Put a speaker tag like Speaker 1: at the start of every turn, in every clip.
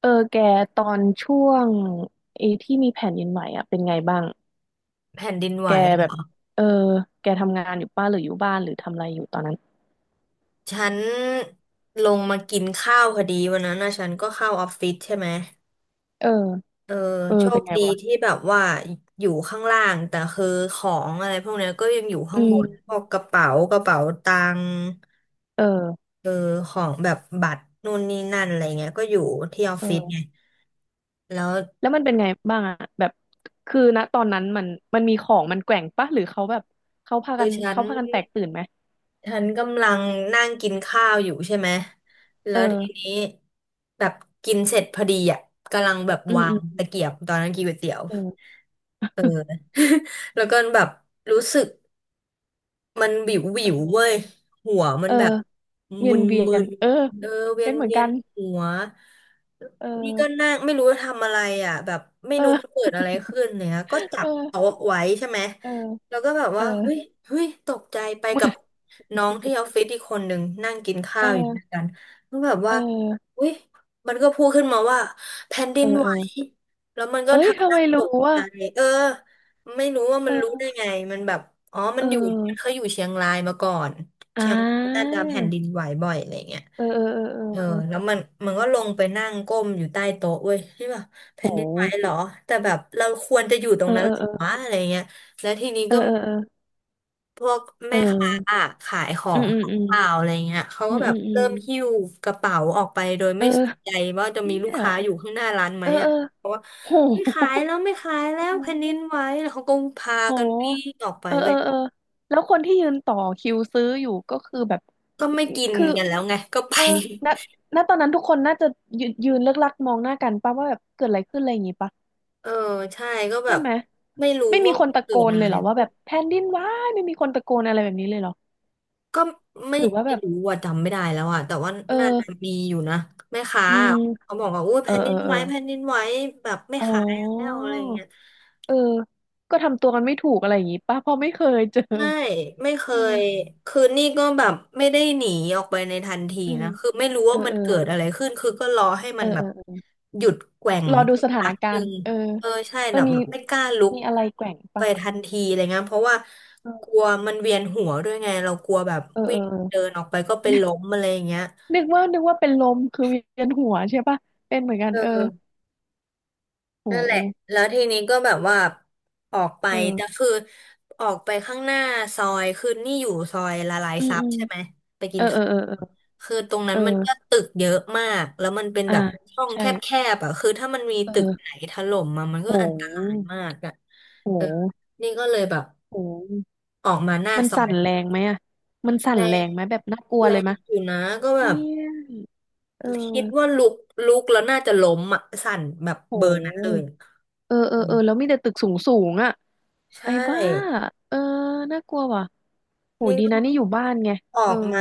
Speaker 1: เออแกตอนช่วงไอ้ที่มีแผ่นดินไหวอ่ะเป็นไงบ้าง
Speaker 2: แผ่นดินไหว
Speaker 1: แกแบบ
Speaker 2: อะ
Speaker 1: เออแกทำงานอยู่ป้าหรืออยู่บ้านหรือทำอะไรอยู่ตอนนั้น
Speaker 2: ฉันลงมากินข้าวพอดีวันนั้นนะฉันก็เข้าออฟฟิศใช่ไหม
Speaker 1: เออ
Speaker 2: เออ
Speaker 1: เออ
Speaker 2: โช
Speaker 1: เป็
Speaker 2: ค
Speaker 1: นไง
Speaker 2: ดี
Speaker 1: วะ
Speaker 2: ที่แบบว่าอยู่ข้างล่าง แต่คือของอะไรพวกเนี้ยก็ยังอยู่
Speaker 1: อื
Speaker 2: ข้างบนพ
Speaker 1: ม
Speaker 2: วกกระเป๋ากระเป๋าตังค์
Speaker 1: เออ
Speaker 2: เออของแบบบัตรนู่นนี่นั่นอะไรเงี้ยก็อยู่ที่ออฟ
Speaker 1: เอ
Speaker 2: ฟิศไง
Speaker 1: อ
Speaker 2: แล้ว
Speaker 1: แล้วมันเป็นไงบ้างอ่ะแบบคือณตอนนั้นมันมีของมันแกว่งปะหรือเขาแบบ
Speaker 2: คือฉัน
Speaker 1: เขาพากันแตกตื่นไหม
Speaker 2: ฉันกำลังนั่งกินข้าวอยู่ใช่ไหม
Speaker 1: เ
Speaker 2: แล้วที
Speaker 1: ออ
Speaker 2: นี้แบบกินเสร็จพอดีอ่ะกำลังแบบ
Speaker 1: อืม
Speaker 2: วา
Speaker 1: อื
Speaker 2: ง
Speaker 1: ม
Speaker 2: ตะเกียบตอนนั้นกินก๋วยเตี๋ยว
Speaker 1: เออ
Speaker 2: เออ แล้วก็แบบรู้สึก มันวิววิวเว้ยหัวมั
Speaker 1: เอ
Speaker 2: น
Speaker 1: อ
Speaker 2: แบบ
Speaker 1: เวี
Speaker 2: มึ
Speaker 1: ยน
Speaker 2: น
Speaker 1: เวีย
Speaker 2: มึ
Speaker 1: น
Speaker 2: น
Speaker 1: เออ
Speaker 2: เออเวีย
Speaker 1: เป็
Speaker 2: น
Speaker 1: นเหมือน
Speaker 2: เวีย
Speaker 1: กั
Speaker 2: น
Speaker 1: น
Speaker 2: หัว
Speaker 1: เ
Speaker 2: นี่ก็
Speaker 1: ออ
Speaker 2: นั่งไม่รู้จะทำอะไรอ่ะแบบไม่
Speaker 1: เอ
Speaker 2: รู้
Speaker 1: อ
Speaker 2: มันเกิดอะไรขึ้นเนี่ยก็จับ
Speaker 1: เออ
Speaker 2: โต๊ะไว้ใช่ไหม
Speaker 1: เออ
Speaker 2: แล้วก็แบบ
Speaker 1: เออ
Speaker 2: ว่าเฮ้ยเฮ้ยตกใจไป
Speaker 1: เหมือ
Speaker 2: กับ
Speaker 1: น
Speaker 2: น้องที่ออฟฟิศอีกคนหนึ่งนั่งกินข้า
Speaker 1: เอ
Speaker 2: วอยู่ด้วย
Speaker 1: อ
Speaker 2: กันก็แบบว่า
Speaker 1: เออ
Speaker 2: เฮ้ยมันก็พูดขึ้นมาว่าแผ่นดิ
Speaker 1: เอ
Speaker 2: น
Speaker 1: อ
Speaker 2: ไหว
Speaker 1: เออ
Speaker 2: แล้วมันก็
Speaker 1: เอ้ย
Speaker 2: ทำ
Speaker 1: ทำ
Speaker 2: ห
Speaker 1: ไม
Speaker 2: น้าต
Speaker 1: รู้
Speaker 2: ก
Speaker 1: ว่า
Speaker 2: ใจเออ ไม่รู้ว่ามั
Speaker 1: เอ
Speaker 2: นรู้ได้
Speaker 1: อ
Speaker 2: ไงมันแบบอ๋อมั
Speaker 1: เอ
Speaker 2: นอยู่มันเคย
Speaker 1: อ
Speaker 2: อยู่เชียงรายมาก่อน
Speaker 1: อ่
Speaker 2: เชียงรายน่า
Speaker 1: า
Speaker 2: จะแผ่นดินไหวบ่อยอะไรเงี้ย
Speaker 1: เออเออเออ
Speaker 2: เออ
Speaker 1: เออ
Speaker 2: แล้วมันก็ลงไปนั่งก้มอยู่ใต้โต๊ะเว้ยที่แบบแผ่นดินไหว
Speaker 1: โห
Speaker 2: เหรอ แต่แบบเราควรจะอยู่ตร
Speaker 1: เอ
Speaker 2: ง
Speaker 1: อ
Speaker 2: นั้นห
Speaker 1: โ
Speaker 2: รือ
Speaker 1: ห
Speaker 2: วะอะไรเงี้ยแล้วทีนี้
Speaker 1: เออ
Speaker 2: ก็
Speaker 1: เออเออ
Speaker 2: พวก
Speaker 1: เอ
Speaker 2: แม่
Speaker 1: อเออ
Speaker 2: ค้
Speaker 1: เอ
Speaker 2: า
Speaker 1: อ
Speaker 2: ขายขอ
Speaker 1: อืม
Speaker 2: ง
Speaker 1: อื
Speaker 2: ข
Speaker 1: ม
Speaker 2: อง
Speaker 1: อืม
Speaker 2: เปล่าอะไรเงี้ยเขา
Speaker 1: อื
Speaker 2: ก็
Speaker 1: ม
Speaker 2: แบ
Speaker 1: อื
Speaker 2: บ
Speaker 1: มอืม
Speaker 2: เริ่มหิ้วกระเป๋าออกไปโดย
Speaker 1: เอ
Speaker 2: ไม่
Speaker 1: อ
Speaker 2: สนใจว่าจะ
Speaker 1: เนี่
Speaker 2: มีลูก
Speaker 1: ย
Speaker 2: ค้าอยู่ข้างหน้าร้านไหม
Speaker 1: เออเอ
Speaker 2: อ่ะ
Speaker 1: อ
Speaker 2: เพราะว่า
Speaker 1: โห
Speaker 2: ไม่ขายแล้วไม่ขายแล้ว
Speaker 1: โห
Speaker 2: แผ่นดินไหวแล้วเขาก็พา
Speaker 1: โห
Speaker 2: กันวิ่งออกไป
Speaker 1: เออ
Speaker 2: เว้
Speaker 1: เออ
Speaker 2: ย
Speaker 1: เออแล้วคนที่ยืนต่อคิวซื้ออยู่ก็คือแบบ
Speaker 2: ก็ไม่กิน
Speaker 1: คือ
Speaker 2: กันแล้วไงก็ไป
Speaker 1: เออ ณตอนนั้นทุกคนน่าจะยืนเลิกลักมองหน้ากันป่ะว่าแบบเกิดอะไรขึ้นอะไรอย่างงี้ปะ
Speaker 2: เออใช่ก็แบ
Speaker 1: ใช่
Speaker 2: บ
Speaker 1: ไหม
Speaker 2: ไม่รู้
Speaker 1: ไม่มี
Speaker 2: ว่า
Speaker 1: คนตะ
Speaker 2: เกิ
Speaker 1: โก
Speaker 2: ด
Speaker 1: น
Speaker 2: อะ
Speaker 1: เล
Speaker 2: ไร
Speaker 1: ยเหรอว่า
Speaker 2: ขึ้
Speaker 1: แบ
Speaker 2: น
Speaker 1: บแผ่นดินไหวไม่มีคนตะโกนอะไรแบบนี้เลยเหรอ
Speaker 2: ก็ไม่
Speaker 1: หรือว่าแบบ
Speaker 2: รู้ว่าจำไม่ได้แล้วอ่ะแต่ว่า
Speaker 1: เออ
Speaker 2: น่าจะมีอยู่นะแม่ค้า
Speaker 1: อืม
Speaker 2: เขาบอกว่าอุ้ย
Speaker 1: เออ
Speaker 2: แผ่นดิ
Speaker 1: เออ
Speaker 2: น
Speaker 1: เอ
Speaker 2: ไหว
Speaker 1: อ
Speaker 2: แผ่นดินไหวแบบไม่
Speaker 1: อ๋
Speaker 2: ขายแล้ว
Speaker 1: อ
Speaker 2: อะไรเงี้ย
Speaker 1: เออก็ทำตัวกันไม่ถูกอะไรอย่างงี้ป่ะเพราะไม่เคยเจอ
Speaker 2: ใช่ไม่เคย
Speaker 1: เออ
Speaker 2: คือนี่ก็แบบไม่ได้หนีออกไปในทันที
Speaker 1: อืม
Speaker 2: นะคือไม่รู้
Speaker 1: เอ
Speaker 2: ว่า
Speaker 1: อ
Speaker 2: มัน
Speaker 1: เออ
Speaker 2: เกิดอะไรขึ้นคือก็รอให้
Speaker 1: เอ
Speaker 2: มั
Speaker 1: อ
Speaker 2: นแบ
Speaker 1: เอ
Speaker 2: บ
Speaker 1: อเออ
Speaker 2: หยุดแกว่ง
Speaker 1: รอดู
Speaker 2: สัก
Speaker 1: สถา
Speaker 2: พั
Speaker 1: น
Speaker 2: ก
Speaker 1: กา
Speaker 2: หนึ่
Speaker 1: รณ์
Speaker 2: ง
Speaker 1: เออ
Speaker 2: เออใช่
Speaker 1: เอ
Speaker 2: แบ
Speaker 1: อ
Speaker 2: บ
Speaker 1: มี
Speaker 2: แบบไม่กล้าลุก
Speaker 1: อะไรแกว่ง
Speaker 2: ไป
Speaker 1: ปะ
Speaker 2: ทันทีอะไรเงี้ยเพราะว่ากลั
Speaker 1: เออ
Speaker 2: วมันเวียนหัวด้วยไงเรากลัวแบบ
Speaker 1: เออ
Speaker 2: วิ่
Speaker 1: เออ
Speaker 2: ง
Speaker 1: เออ
Speaker 2: เดินออกไปก็เป็น ล้มอะไรอย่างเงี้ย
Speaker 1: นึกว่าเป็นลมคือเวียนหัวใช่ปะเป็นเหมือนกั
Speaker 2: เ
Speaker 1: นเออ
Speaker 2: ออนั่นแหละ
Speaker 1: โห
Speaker 2: แล้วทีนี้ก็แบบว่าออกไปแต่
Speaker 1: เออ
Speaker 2: คือออกไปข้างหน้าซอยคือนี่อยู่ซอยละลาย
Speaker 1: อืม
Speaker 2: ซั
Speaker 1: อื
Speaker 2: บ
Speaker 1: ม
Speaker 2: ใช่ไหมไปกิ
Speaker 1: เออ
Speaker 2: น
Speaker 1: เอ
Speaker 2: ข้า
Speaker 1: อ
Speaker 2: ว
Speaker 1: เออเออ
Speaker 2: คือตรงนั้
Speaker 1: เอ
Speaker 2: น
Speaker 1: อ
Speaker 2: มันก็ตึกเยอะมากแล้วมันเป็น
Speaker 1: อ่า
Speaker 2: แบบช่องแ
Speaker 1: ใช่
Speaker 2: คบๆอ่ะคือถ้ามันมีตึกไหน
Speaker 1: เออ
Speaker 2: ถล่มมามันก็
Speaker 1: โ
Speaker 2: อันตราย
Speaker 1: ห
Speaker 2: มากอ่ะเออ
Speaker 1: โห
Speaker 2: นี่ก็เลยแบบ
Speaker 1: โห
Speaker 2: ออกมาหน้า
Speaker 1: มัน
Speaker 2: ซอ
Speaker 1: สั่
Speaker 2: ย
Speaker 1: นแรงไหมอ่ะมันสั่
Speaker 2: แร
Speaker 1: นแร
Speaker 2: ง
Speaker 1: งไหมแบบน่ากลัว
Speaker 2: แร
Speaker 1: เลย
Speaker 2: ง
Speaker 1: มะ
Speaker 2: อยู่นะก็แบ
Speaker 1: เนี่
Speaker 2: บ
Speaker 1: ยเออ
Speaker 2: คิดว่าลุกลุกแล้วน่าจะล้มอ่ะสั่นแบบ
Speaker 1: โ
Speaker 2: เบอร์นั้นเลย
Speaker 1: ห
Speaker 2: อะ
Speaker 1: เออเออ
Speaker 2: อื
Speaker 1: เอ
Speaker 2: ม
Speaker 1: อแล้วมีแต่ตึกสูงสูงอ่ะ
Speaker 2: ใช
Speaker 1: ไอ้บ้า
Speaker 2: ่
Speaker 1: เออน่ากลัวว่ะโห
Speaker 2: นี่
Speaker 1: ดี
Speaker 2: ก็
Speaker 1: นะนี่อยู่บ้านไง
Speaker 2: ออ
Speaker 1: เออ
Speaker 2: กมา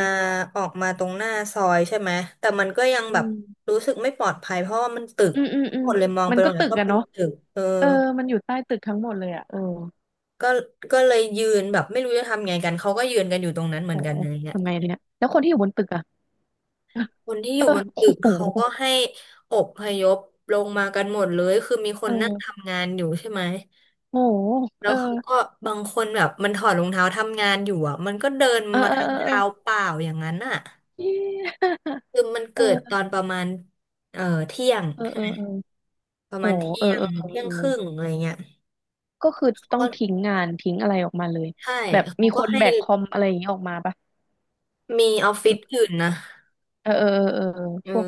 Speaker 2: ออกมาตรงหน้าซอยใช่ไหมแต่มันก็ยังแบ
Speaker 1: อื
Speaker 2: บ
Speaker 1: ม
Speaker 2: รู้สึกไม่ปลอดภัยเพราะว่ามันตึก
Speaker 1: อืมอืม
Speaker 2: ทั้ง
Speaker 1: อื
Speaker 2: ห
Speaker 1: ม
Speaker 2: มดเลยมองไป
Speaker 1: มัน
Speaker 2: ตร
Speaker 1: ก็
Speaker 2: งไหน
Speaker 1: ตึก
Speaker 2: ก็
Speaker 1: อะ
Speaker 2: เป็น
Speaker 1: เนาะ
Speaker 2: ตึกเออ
Speaker 1: เออมันอยู่ใต้ตึกทั้งหมดเลยอะเออ
Speaker 2: ก็ก็เลยยืนแบบไม่รู้จะทำไงกันเขาก็ยืนกันอยู่ตรงนั้นเหมื
Speaker 1: โห
Speaker 2: อนกันอะไรเงี้ย
Speaker 1: ทำไงทีเนี้ยแล้วคนที่อยู่บนตึกอะ
Speaker 2: คนที่อ
Speaker 1: เอ
Speaker 2: ยู่บ
Speaker 1: อ
Speaker 2: น
Speaker 1: โ
Speaker 2: ตึก
Speaker 1: ห
Speaker 2: เขาก็ให้อพยพลงมากันหมดเลยคือมีคนนั่ง
Speaker 1: เออ
Speaker 2: ทำงานอยู่ใช่ไหม
Speaker 1: โห
Speaker 2: แล้
Speaker 1: เอ
Speaker 2: ว
Speaker 1: อ
Speaker 2: เขาก็บางคนแบบมันถอดรองเท้าทำงานอยู่อ่ะมันก็เดิน
Speaker 1: เออ
Speaker 2: มา
Speaker 1: เออ
Speaker 2: ทาง
Speaker 1: เออ
Speaker 2: เท้าเปล่าอย่างนั้นอ่ะ
Speaker 1: เย้
Speaker 2: คือมันเกิดตอ
Speaker 1: เออ
Speaker 2: นประมาณเอ่อเที่ยง
Speaker 1: เออ
Speaker 2: ใช่
Speaker 1: เออ
Speaker 2: ไหม
Speaker 1: เออ
Speaker 2: ประ
Speaker 1: โห
Speaker 2: มาณ
Speaker 1: เอ
Speaker 2: เที่
Speaker 1: อ
Speaker 2: ยง
Speaker 1: เออเออ
Speaker 2: เที่ย
Speaker 1: เอ
Speaker 2: ง
Speaker 1: อ
Speaker 2: ครึ่งอะไรเงี้ย
Speaker 1: ก็คือ
Speaker 2: เขา
Speaker 1: ต้อง
Speaker 2: ก็
Speaker 1: ทิ้งงานทิ้งอะไรออกมาเลย
Speaker 2: ใช่
Speaker 1: แบบ
Speaker 2: เขา
Speaker 1: มีค
Speaker 2: ก็
Speaker 1: น
Speaker 2: ให้
Speaker 1: แบกคอมอะไรอย่างนี้ออกมาปะ
Speaker 2: มีออฟฟิศอื่นนะ
Speaker 1: เออเออเออเออเออ
Speaker 2: เออ
Speaker 1: พวก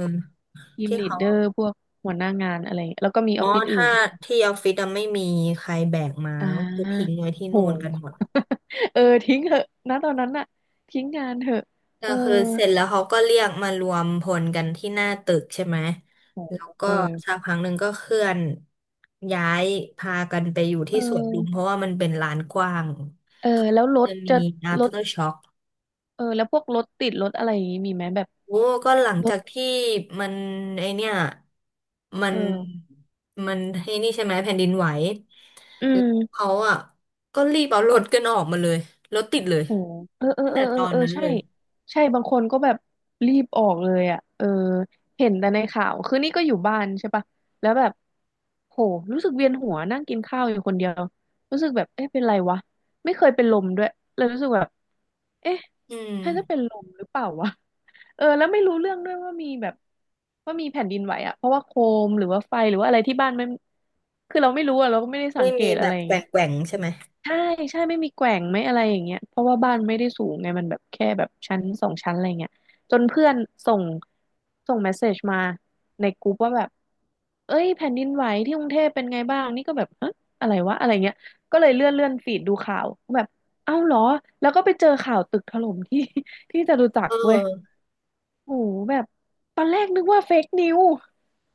Speaker 1: ทีม
Speaker 2: ที่
Speaker 1: ลีด
Speaker 2: เขา
Speaker 1: เดอร์พวกหัวหน้างานอะไรแล้วก็มีอ
Speaker 2: อ๋อ
Speaker 1: อฟฟิศอื่
Speaker 2: ถ้า
Speaker 1: นค่ะ
Speaker 2: ที่ออฟฟิศอะไม่มีใครแบกมา
Speaker 1: อ่
Speaker 2: ก็คือทิ้ง
Speaker 1: า
Speaker 2: ไว้ที่
Speaker 1: โห
Speaker 2: นู่นกันหมด
Speaker 1: เออทิ้งเถอะนะตอนนั้นน่ะทิ้งงานเถอะ
Speaker 2: ก็
Speaker 1: เออ
Speaker 2: คือเสร็จแล้วเขาก็เรียกมารวมพลกันที่หน้าตึกใช่ไหม
Speaker 1: โห
Speaker 2: แล้วก็
Speaker 1: เออ
Speaker 2: สักพักหนึ่งก็เคลื่อนย้ายพากันไปอยู่
Speaker 1: เ
Speaker 2: ที่สวนลุมเพ
Speaker 1: ออ
Speaker 2: ราะว่ามันเป็นลานกว้าง
Speaker 1: เออ
Speaker 2: เขาก็
Speaker 1: แล้วร
Speaker 2: จะ
Speaker 1: ถ
Speaker 2: มี
Speaker 1: จะรถ
Speaker 2: after shock
Speaker 1: เออแล้วพวกรถติดรถอะไรอย่างนี้มีไหมแบบ
Speaker 2: โอ้ก็หลัง
Speaker 1: ร
Speaker 2: จา
Speaker 1: ถ
Speaker 2: กที่มันไอเนี่ยมั
Speaker 1: เอ
Speaker 2: น
Speaker 1: อ
Speaker 2: มันไอนี่ใช่ไหมแผ่นดินไหว
Speaker 1: อื
Speaker 2: แล้ว
Speaker 1: ม
Speaker 2: เขาอ่ะก็รีบเอารถกันออกมาเลยรถติดเลย
Speaker 1: โอ้เออเออ
Speaker 2: ตั้ง
Speaker 1: เออ
Speaker 2: แต่
Speaker 1: เอ
Speaker 2: ต
Speaker 1: อ
Speaker 2: อน
Speaker 1: เออ
Speaker 2: นั้น
Speaker 1: ใช่
Speaker 2: เลย
Speaker 1: ใช่บางคนก็แบบรีบออกเลยอ่ะเออเห็นแต่ในข่าวคือนี่ก็อยู่บ้านใช่ปะแล้วแบบโหรู้สึกเวียนหัวนั่งกินข้าวอยู่คนเดียวรู้สึกแบบเอ๊ะเป็นไรวะไม่เคยเป็นลมด้วยเลยรู้สึกแบบเอ๊ะ
Speaker 2: อืม
Speaker 1: ฉันจะเป็นลมหรือเปล่าวะเออแล้วไม่รู้เรื่องด้วยว่ามีแบบว่ามีแผ่นดินไหวอ่ะเพราะว่าโคมหรือว่าไฟหรือว่าอะไรที่บ้านมันคือเราไม่รู้อะเราก็ไม่ได้สั
Speaker 2: ไม่
Speaker 1: งเก
Speaker 2: มี
Speaker 1: ต
Speaker 2: แบ
Speaker 1: อะไร
Speaker 2: บ
Speaker 1: อย่า
Speaker 2: แก
Speaker 1: ง
Speaker 2: ว่
Speaker 1: เงี้
Speaker 2: ง
Speaker 1: ย
Speaker 2: แกว่งใช่ไหม
Speaker 1: ใช่ใช่ไม่มีแกว่งไม่อะไรอย่างเงี้ยเพราะว่าบ้านไม่ได้สูงไงมันแบบแค่แบบชั้นสองชั้นอะไรเงี้ยจนเพื่อนส่งเมสเซจมาในกลุ่มว่าแบบเอ้ยแผ่นดินไหวที่กรุงเทพเป็นไงบ้างนี่ก็แบบฮะอะไรวะอะไรเงี้ยก็เลยเลื่อนฟีดดูข่าวแบบเอ้าเหรอแล้วก็ไปเจอข่าวตึกถล่มที่ ที่จตุจัก
Speaker 2: เอ
Speaker 1: รเว้ย
Speaker 2: อ
Speaker 1: โอ้โหแบบตอนแรกนึกว่าเฟกนิว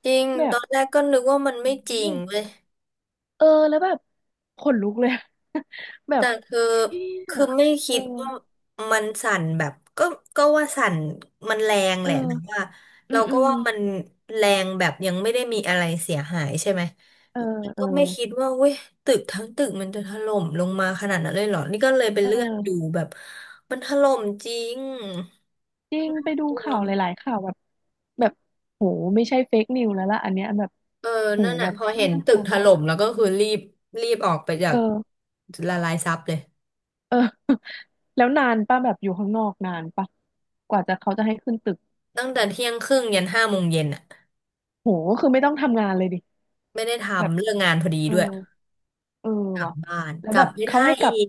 Speaker 2: จริงต
Speaker 1: แบบ
Speaker 2: อนแรกก็นึกว่ามันไม่จ
Speaker 1: โอ้
Speaker 2: ริ
Speaker 1: โห
Speaker 2: งเว้ย
Speaker 1: เออแล้วแบบขนลุกเลย แบบ
Speaker 2: แต่คือ
Speaker 1: เชี่ย
Speaker 2: คือไม่
Speaker 1: เอ
Speaker 2: คิ
Speaker 1: อ
Speaker 2: ดว่ามันสั่นแบบก็ก็ว่าสั่นมันแรง
Speaker 1: เอ
Speaker 2: แหละแต่
Speaker 1: อ
Speaker 2: ว่า
Speaker 1: อื
Speaker 2: เรา
Speaker 1: มอื
Speaker 2: ก็
Speaker 1: ม
Speaker 2: ว่ามันแรงแบบยังไม่ได้มีอะไรเสียหายใช่ไหม
Speaker 1: เออ เออ
Speaker 2: ก็ไม่คิดว่าเว้ยตึกทั้งตึกมันจะถล่มลงมาขนาดนั้นเลยเหรอนี่ก็เลยไป
Speaker 1: เอ
Speaker 2: เลื่อนดู
Speaker 1: อ
Speaker 2: แบบมันถล่มจริง
Speaker 1: จริง
Speaker 2: นา
Speaker 1: ไปดู
Speaker 2: กลัว
Speaker 1: ข่าว
Speaker 2: ม
Speaker 1: หลายๆข่าวแบบแบบโหไม่ใช่เฟกนิวแล้วล่ะอันเนี้ยแบบ
Speaker 2: เออ
Speaker 1: โห
Speaker 2: นั่นแหละ
Speaker 1: แบบ
Speaker 2: พอเห็
Speaker 1: น่า
Speaker 2: น
Speaker 1: ก
Speaker 2: ตึ
Speaker 1: ลั
Speaker 2: ก
Speaker 1: ว
Speaker 2: ถ
Speaker 1: มา
Speaker 2: ล่
Speaker 1: ก
Speaker 2: มแล้วก็คือรีบออกไปจา
Speaker 1: เ
Speaker 2: ก
Speaker 1: ออ
Speaker 2: ละลายซับเลย
Speaker 1: เออ แล้วนานป่ะแบบอยู่ข้างนอกนานป่ะกว่าจะเขาจะให้ขึ้นตึก
Speaker 2: ตั้งแต่เที่ยงครึ่งยัน17:00 น.อะ
Speaker 1: โหคือไม่ต้องทำงานเลยดิ
Speaker 2: ไม่ได้
Speaker 1: แบบ
Speaker 2: ทำเรื่องงานพอดี
Speaker 1: เออ
Speaker 2: ด้วย
Speaker 1: เออ
Speaker 2: กลับ
Speaker 1: ว่ะ
Speaker 2: บ้าน
Speaker 1: แล้ว
Speaker 2: กลั
Speaker 1: แบ
Speaker 2: บ
Speaker 1: บ
Speaker 2: ไม่
Speaker 1: เขา
Speaker 2: ได้
Speaker 1: ให้กลั
Speaker 2: อี
Speaker 1: บ
Speaker 2: ก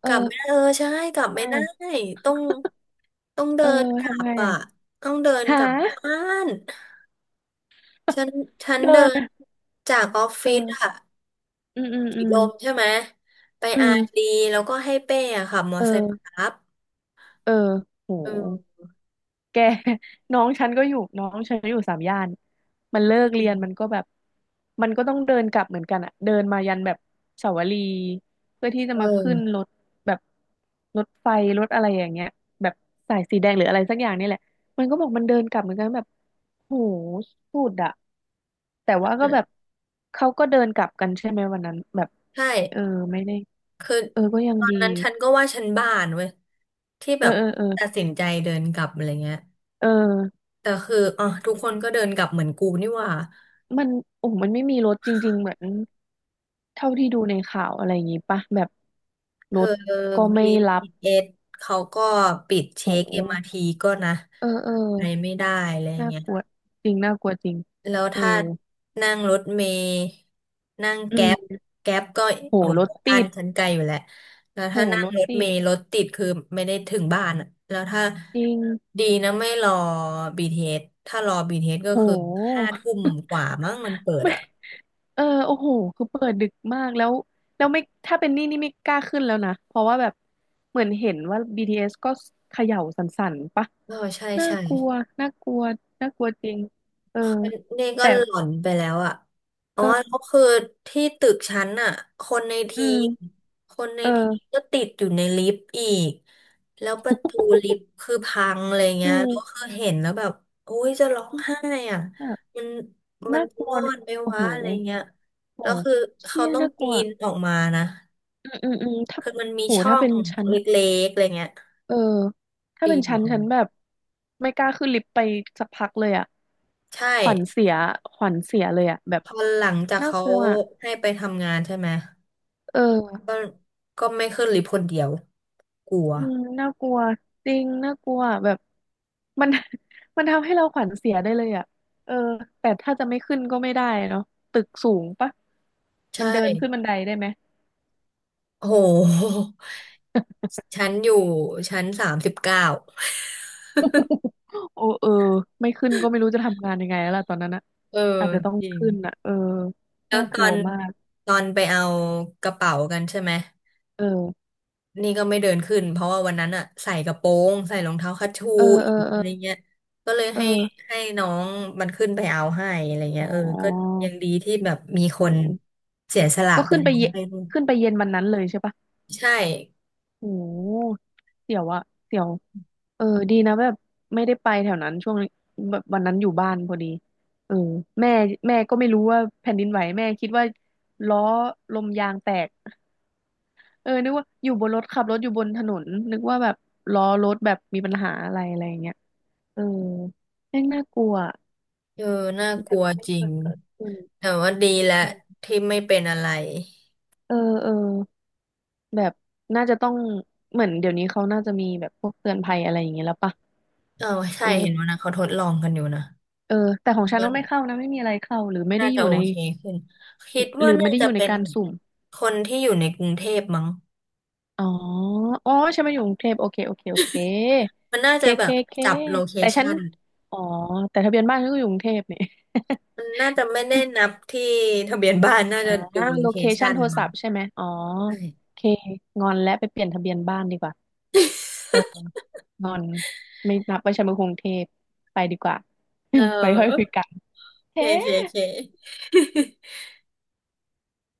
Speaker 1: เอ
Speaker 2: ก
Speaker 1: อ
Speaker 2: ลับไม่ได้เออใช่กลับ
Speaker 1: ทำไม
Speaker 2: ไม่ได้
Speaker 1: อ่ะ
Speaker 2: ต้องต้อง
Speaker 1: เอ
Speaker 2: เดิ
Speaker 1: อ
Speaker 2: นกลั
Speaker 1: ทำ
Speaker 2: บ
Speaker 1: ไง
Speaker 2: อ่ะ
Speaker 1: อ่ะ
Speaker 2: ต้องเดิน
Speaker 1: หา
Speaker 2: กลับบ้าน ฉัน
Speaker 1: เดิ
Speaker 2: เดิ
Speaker 1: น
Speaker 2: น
Speaker 1: อะ
Speaker 2: จากออฟ
Speaker 1: เอ
Speaker 2: ฟิศอะ
Speaker 1: ออืมอืม
Speaker 2: ถี
Speaker 1: อื
Speaker 2: บ
Speaker 1: ม
Speaker 2: ลมใช่ไหมไป
Speaker 1: อื
Speaker 2: อาร์ดี
Speaker 1: ม
Speaker 2: แล้วก็ให้เป้อะค่ะมอเตอ
Speaker 1: เอ
Speaker 2: ร์ไซ
Speaker 1: อ
Speaker 2: ค์ครับ
Speaker 1: เออโห
Speaker 2: เออ
Speaker 1: แก น้องฉันก็อยู่น้องฉันอยู่สามย่านมันเลิกเรียนมันก็แบบมันก็ต้องเดินกลับเหมือนกันอะเดินมายันแบบเสาวรีเพื่อที่จะ
Speaker 2: เ
Speaker 1: มาขึ้น
Speaker 2: ออ
Speaker 1: รถแบบรถไฟรถอะไรอย่างเงี้ยแบบสายสีแดงหรืออะไรสักอย่างนี่แหละมันก็บอกมันเดินกลับเหมือนกันแบบโหสุดอะแต่ว่าก็แบบเขาก็เดินกลับกันใช่ไหมวันนั้นแบบ
Speaker 2: ใช่
Speaker 1: เออไม่ได้
Speaker 2: คือ
Speaker 1: เออก็ยั
Speaker 2: ต
Speaker 1: ง
Speaker 2: อน
Speaker 1: ดี
Speaker 2: นั้นฉันก็ว่าฉันบ้านเว้ยที่
Speaker 1: เอ
Speaker 2: แบ
Speaker 1: อ
Speaker 2: บ
Speaker 1: เออเออ
Speaker 2: ตัดสินใจเดินกลับอะไรเงี้ย
Speaker 1: เออ
Speaker 2: แต่คืออ่ะทุกคนก็เดินกลับเหมือนกูนี่หว่า
Speaker 1: มันโอ้โหมันไม่มีรถจริงๆเหมือน เท่าที่ดูในข่าวอะไรอย่างงี้ปะแบบ
Speaker 2: เธ
Speaker 1: ร
Speaker 2: อ
Speaker 1: ถก็ไม่รับ
Speaker 2: BTS เอสเขาก็ปิด
Speaker 1: โ
Speaker 2: เช็ค
Speaker 1: ห
Speaker 2: MRT ก็นะ
Speaker 1: เออเออ
Speaker 2: ไปไม่ได้อะไร
Speaker 1: น่า
Speaker 2: เงี้ย
Speaker 1: กลัวจริงน่ากลัวจริง
Speaker 2: แล้ว
Speaker 1: เออ
Speaker 2: ถ้านั่งรถเมล์นั่ง
Speaker 1: อื
Speaker 2: แก๊ป
Speaker 1: ม
Speaker 2: ก็
Speaker 1: โห
Speaker 2: โอห
Speaker 1: รถ
Speaker 2: บ้า
Speaker 1: ติ
Speaker 2: น
Speaker 1: ด
Speaker 2: ฉันไกลอยู่แหละแล้ว
Speaker 1: โห
Speaker 2: ถ้านั่ง
Speaker 1: รถ
Speaker 2: รถ
Speaker 1: ติ
Speaker 2: เม
Speaker 1: ด
Speaker 2: ล์รถติดคือไม่ได้ถึงบ้านอะแล้วถ้า
Speaker 1: จริง
Speaker 2: ดีนะไม่รอ BTS ถ้ารอ BTS ก็
Speaker 1: โ
Speaker 2: คือห้า
Speaker 1: ห
Speaker 2: ทุ่มกว่ามั้งมันเปิด
Speaker 1: ไม่
Speaker 2: อ่ะ
Speaker 1: เออโอ้โหคือเปิดดึกมากแล้วแล้วไม่ถ้าเป็นนี่นี่ไม่กล้าขึ้นแล้วนะเพราะว่าแบบเหมือนเห็นว่าบีทีเอสก็เขย่าสั่นๆปะ
Speaker 2: เออใช่
Speaker 1: น่า
Speaker 2: ใช่
Speaker 1: กลัวน่ากลัวน่ากลัวจริงเออ
Speaker 2: นี่ก็
Speaker 1: แต่
Speaker 2: หล่อนไปแล้วอ่ะอ๋อแล้
Speaker 1: เออ
Speaker 2: วคือที่ตึกชั้นอ่ะคนใน
Speaker 1: อื
Speaker 2: ทีม
Speaker 1: มเออ
Speaker 2: ก็ติดอยู่ในลิฟต์อีก แล้วประตูลิฟต์คือพังอะไรเงี้
Speaker 1: อื
Speaker 2: ยแล้วคื
Speaker 1: ม
Speaker 2: อเห็นแล้วแบบโอ้ยจะร้องไห้อ่ะมัน
Speaker 1: น่า
Speaker 2: จะ
Speaker 1: กลั
Speaker 2: ร
Speaker 1: ว
Speaker 2: อ
Speaker 1: นะ
Speaker 2: ดไหม
Speaker 1: โอ้
Speaker 2: วะ
Speaker 1: โห
Speaker 2: อะไรเงี้ย
Speaker 1: โอ้
Speaker 2: แล้ว
Speaker 1: โห
Speaker 2: คือเขา
Speaker 1: เชี่ย
Speaker 2: ต้อง
Speaker 1: น่าก
Speaker 2: ปี
Speaker 1: ลัว
Speaker 2: นออกมานะ
Speaker 1: อืมอืมอืมถ้า
Speaker 2: คือมันมี
Speaker 1: โห
Speaker 2: ช่อ
Speaker 1: ถ้า
Speaker 2: ง
Speaker 1: เป็นชั้น
Speaker 2: เล็กๆอะไรเงี้ย
Speaker 1: เออถ้า
Speaker 2: ปี
Speaker 1: เป็น
Speaker 2: นอ
Speaker 1: ชั้
Speaker 2: อ
Speaker 1: น
Speaker 2: ก
Speaker 1: ชั้น
Speaker 2: มา
Speaker 1: แบบไม่กล้าขึ้นลิฟต์ไปสักพักเลยอะ
Speaker 2: ใช่
Speaker 1: ขวัญเสียขวัญเสียเลยอะแบบ
Speaker 2: พอหลังจาก
Speaker 1: น่า
Speaker 2: เขา
Speaker 1: กลัว
Speaker 2: ให้ไปทำงานใช่ไหม
Speaker 1: เออ
Speaker 2: ก็ก็ไม่ขึ้นลิฟต์คนเดียวกลัว
Speaker 1: อืมน่ากลัวจริงน่ากลัวแบบมัน มันทำให้เราขวัญเสียได้เลยอะเออแต่ถ้าจะไม่ขึ้นก็ไม่ได้เนาะตึกสูงปะมั
Speaker 2: ใช่
Speaker 1: นเดินขึ้นบันไดได้ไหม
Speaker 2: โอ้โหชั้นอยู่ชั้น39
Speaker 1: โอ้เออไม่ขึ้นก็ไม่รู้จะทำงานยังไงแล้วล่ะตอนนั้นอะ
Speaker 2: เออ
Speaker 1: อาจจะต้อง
Speaker 2: จริง
Speaker 1: ขึ้นอะเออ
Speaker 2: แล้ว
Speaker 1: น่า
Speaker 2: ต
Speaker 1: ก
Speaker 2: อ
Speaker 1: ลัว
Speaker 2: น
Speaker 1: มาก
Speaker 2: ตอนไปเอากระเป๋ากันใช่ไหม
Speaker 1: เออ
Speaker 2: นี่ก็ไม่เดินขึ้นเพราะว่าวันนั้นอะใส่กระโปรงใส่รองเท้าคัชชู
Speaker 1: เออ
Speaker 2: อี
Speaker 1: เอ
Speaker 2: ก
Speaker 1: อเออ
Speaker 2: อะไรเงี้ยก็เลยให้
Speaker 1: เออ
Speaker 2: น้องมันขึ้นไปเอาให้อะไรเงี้
Speaker 1: อ๋
Speaker 2: ยเออก็
Speaker 1: อ
Speaker 2: ยังดีที่แบบมีค
Speaker 1: โอ้
Speaker 2: นเสียสละ
Speaker 1: ก็
Speaker 2: ไป
Speaker 1: ขึ้นไป
Speaker 2: เอา
Speaker 1: เย็น
Speaker 2: ให้ด้วย
Speaker 1: ขึ้นไปเย็นวันนั้นเลยใช่ปะ
Speaker 2: ใช่
Speaker 1: โอ้เสียวอะเสี่ยวเออดีนะแบบไม่ได้ไปแถวนั้นช่วงนี้แบบวันนั้นอยู่บ้านพอดีเออแม่แม่ก็ไม่รู้ว่าแผ่นดินไหวแม่คิดว่าล้อลมยางแตก เออนึกว่าอยู่บนรถขับรถอยู่บนถนนนึกว่าแบบล้อรถแบบมีปัญหาอะไรอะไรอย่างเงี้ยเออแม่งน่ากลัวอะ
Speaker 2: เออน่ากลัว
Speaker 1: ไม่
Speaker 2: จริ
Speaker 1: เค
Speaker 2: ง
Speaker 1: ยเกิดขึ้น
Speaker 2: แต่ว่าดีแหละ
Speaker 1: อืม
Speaker 2: ที่ไม่เป็นอะไร
Speaker 1: เออเออแบบน่าจะต้องเหมือนเดี๋ยวนี้เขาน่าจะมีแบบพวกเตือนภัยอะไรอย่างเงี้ยแล้วปะ
Speaker 2: เออใช่
Speaker 1: เออ
Speaker 2: เห็นว่านะเขาทดลองกันอยู่นะ
Speaker 1: เออแต่ขอ
Speaker 2: คิ
Speaker 1: ง
Speaker 2: ด
Speaker 1: ฉัน
Speaker 2: ว่า
Speaker 1: ก็ไม่เข้านะไม่มีอะไรเข้าหรือไม่
Speaker 2: น่า
Speaker 1: ได้อ
Speaker 2: จะ
Speaker 1: ยู่
Speaker 2: โอ
Speaker 1: ใน
Speaker 2: เคขึ้นคิด
Speaker 1: หรื
Speaker 2: ว่า
Speaker 1: อ
Speaker 2: น่า
Speaker 1: ไม่ได้อ
Speaker 2: จะ
Speaker 1: ยู่ใน
Speaker 2: เป็น
Speaker 1: การสุ่ม
Speaker 2: คนที่อยู่ในกรุงเทพมั้ง
Speaker 1: อ๋ออ๋อฉันมาอยู่กรุงเทพโอเคโอเคโอเค
Speaker 2: มันน่า
Speaker 1: เค
Speaker 2: จะแบ
Speaker 1: เค
Speaker 2: บ
Speaker 1: เค
Speaker 2: จับโลเค
Speaker 1: แต่ฉัน
Speaker 2: ชัน
Speaker 1: อ๋อแต่ทะเบียนบ้านฉันก็อยู่กรุงเทพเนี่ย
Speaker 2: มันน่าจะไม่ได้นับที่ทะเบียนบ้านน่า
Speaker 1: อ่
Speaker 2: จะดู
Speaker 1: า
Speaker 2: โล
Speaker 1: โล
Speaker 2: เค
Speaker 1: เคชั
Speaker 2: ชั
Speaker 1: น
Speaker 2: น
Speaker 1: โทร
Speaker 2: มั้
Speaker 1: ศั
Speaker 2: ง
Speaker 1: พท์ใช่ไหม อ๋อ
Speaker 2: ใช่
Speaker 1: โอเค งอนและไปเปลี่ยนทะเบียนบ้านดีกว่า เออ งอนไม่นับว่าฉันเป็นกรุงเทพไปดีกว่า
Speaker 2: เ
Speaker 1: ไปค่อยคุ
Speaker 2: ออ
Speaker 1: ยกัน
Speaker 2: เค
Speaker 1: เฮ้
Speaker 2: เคเค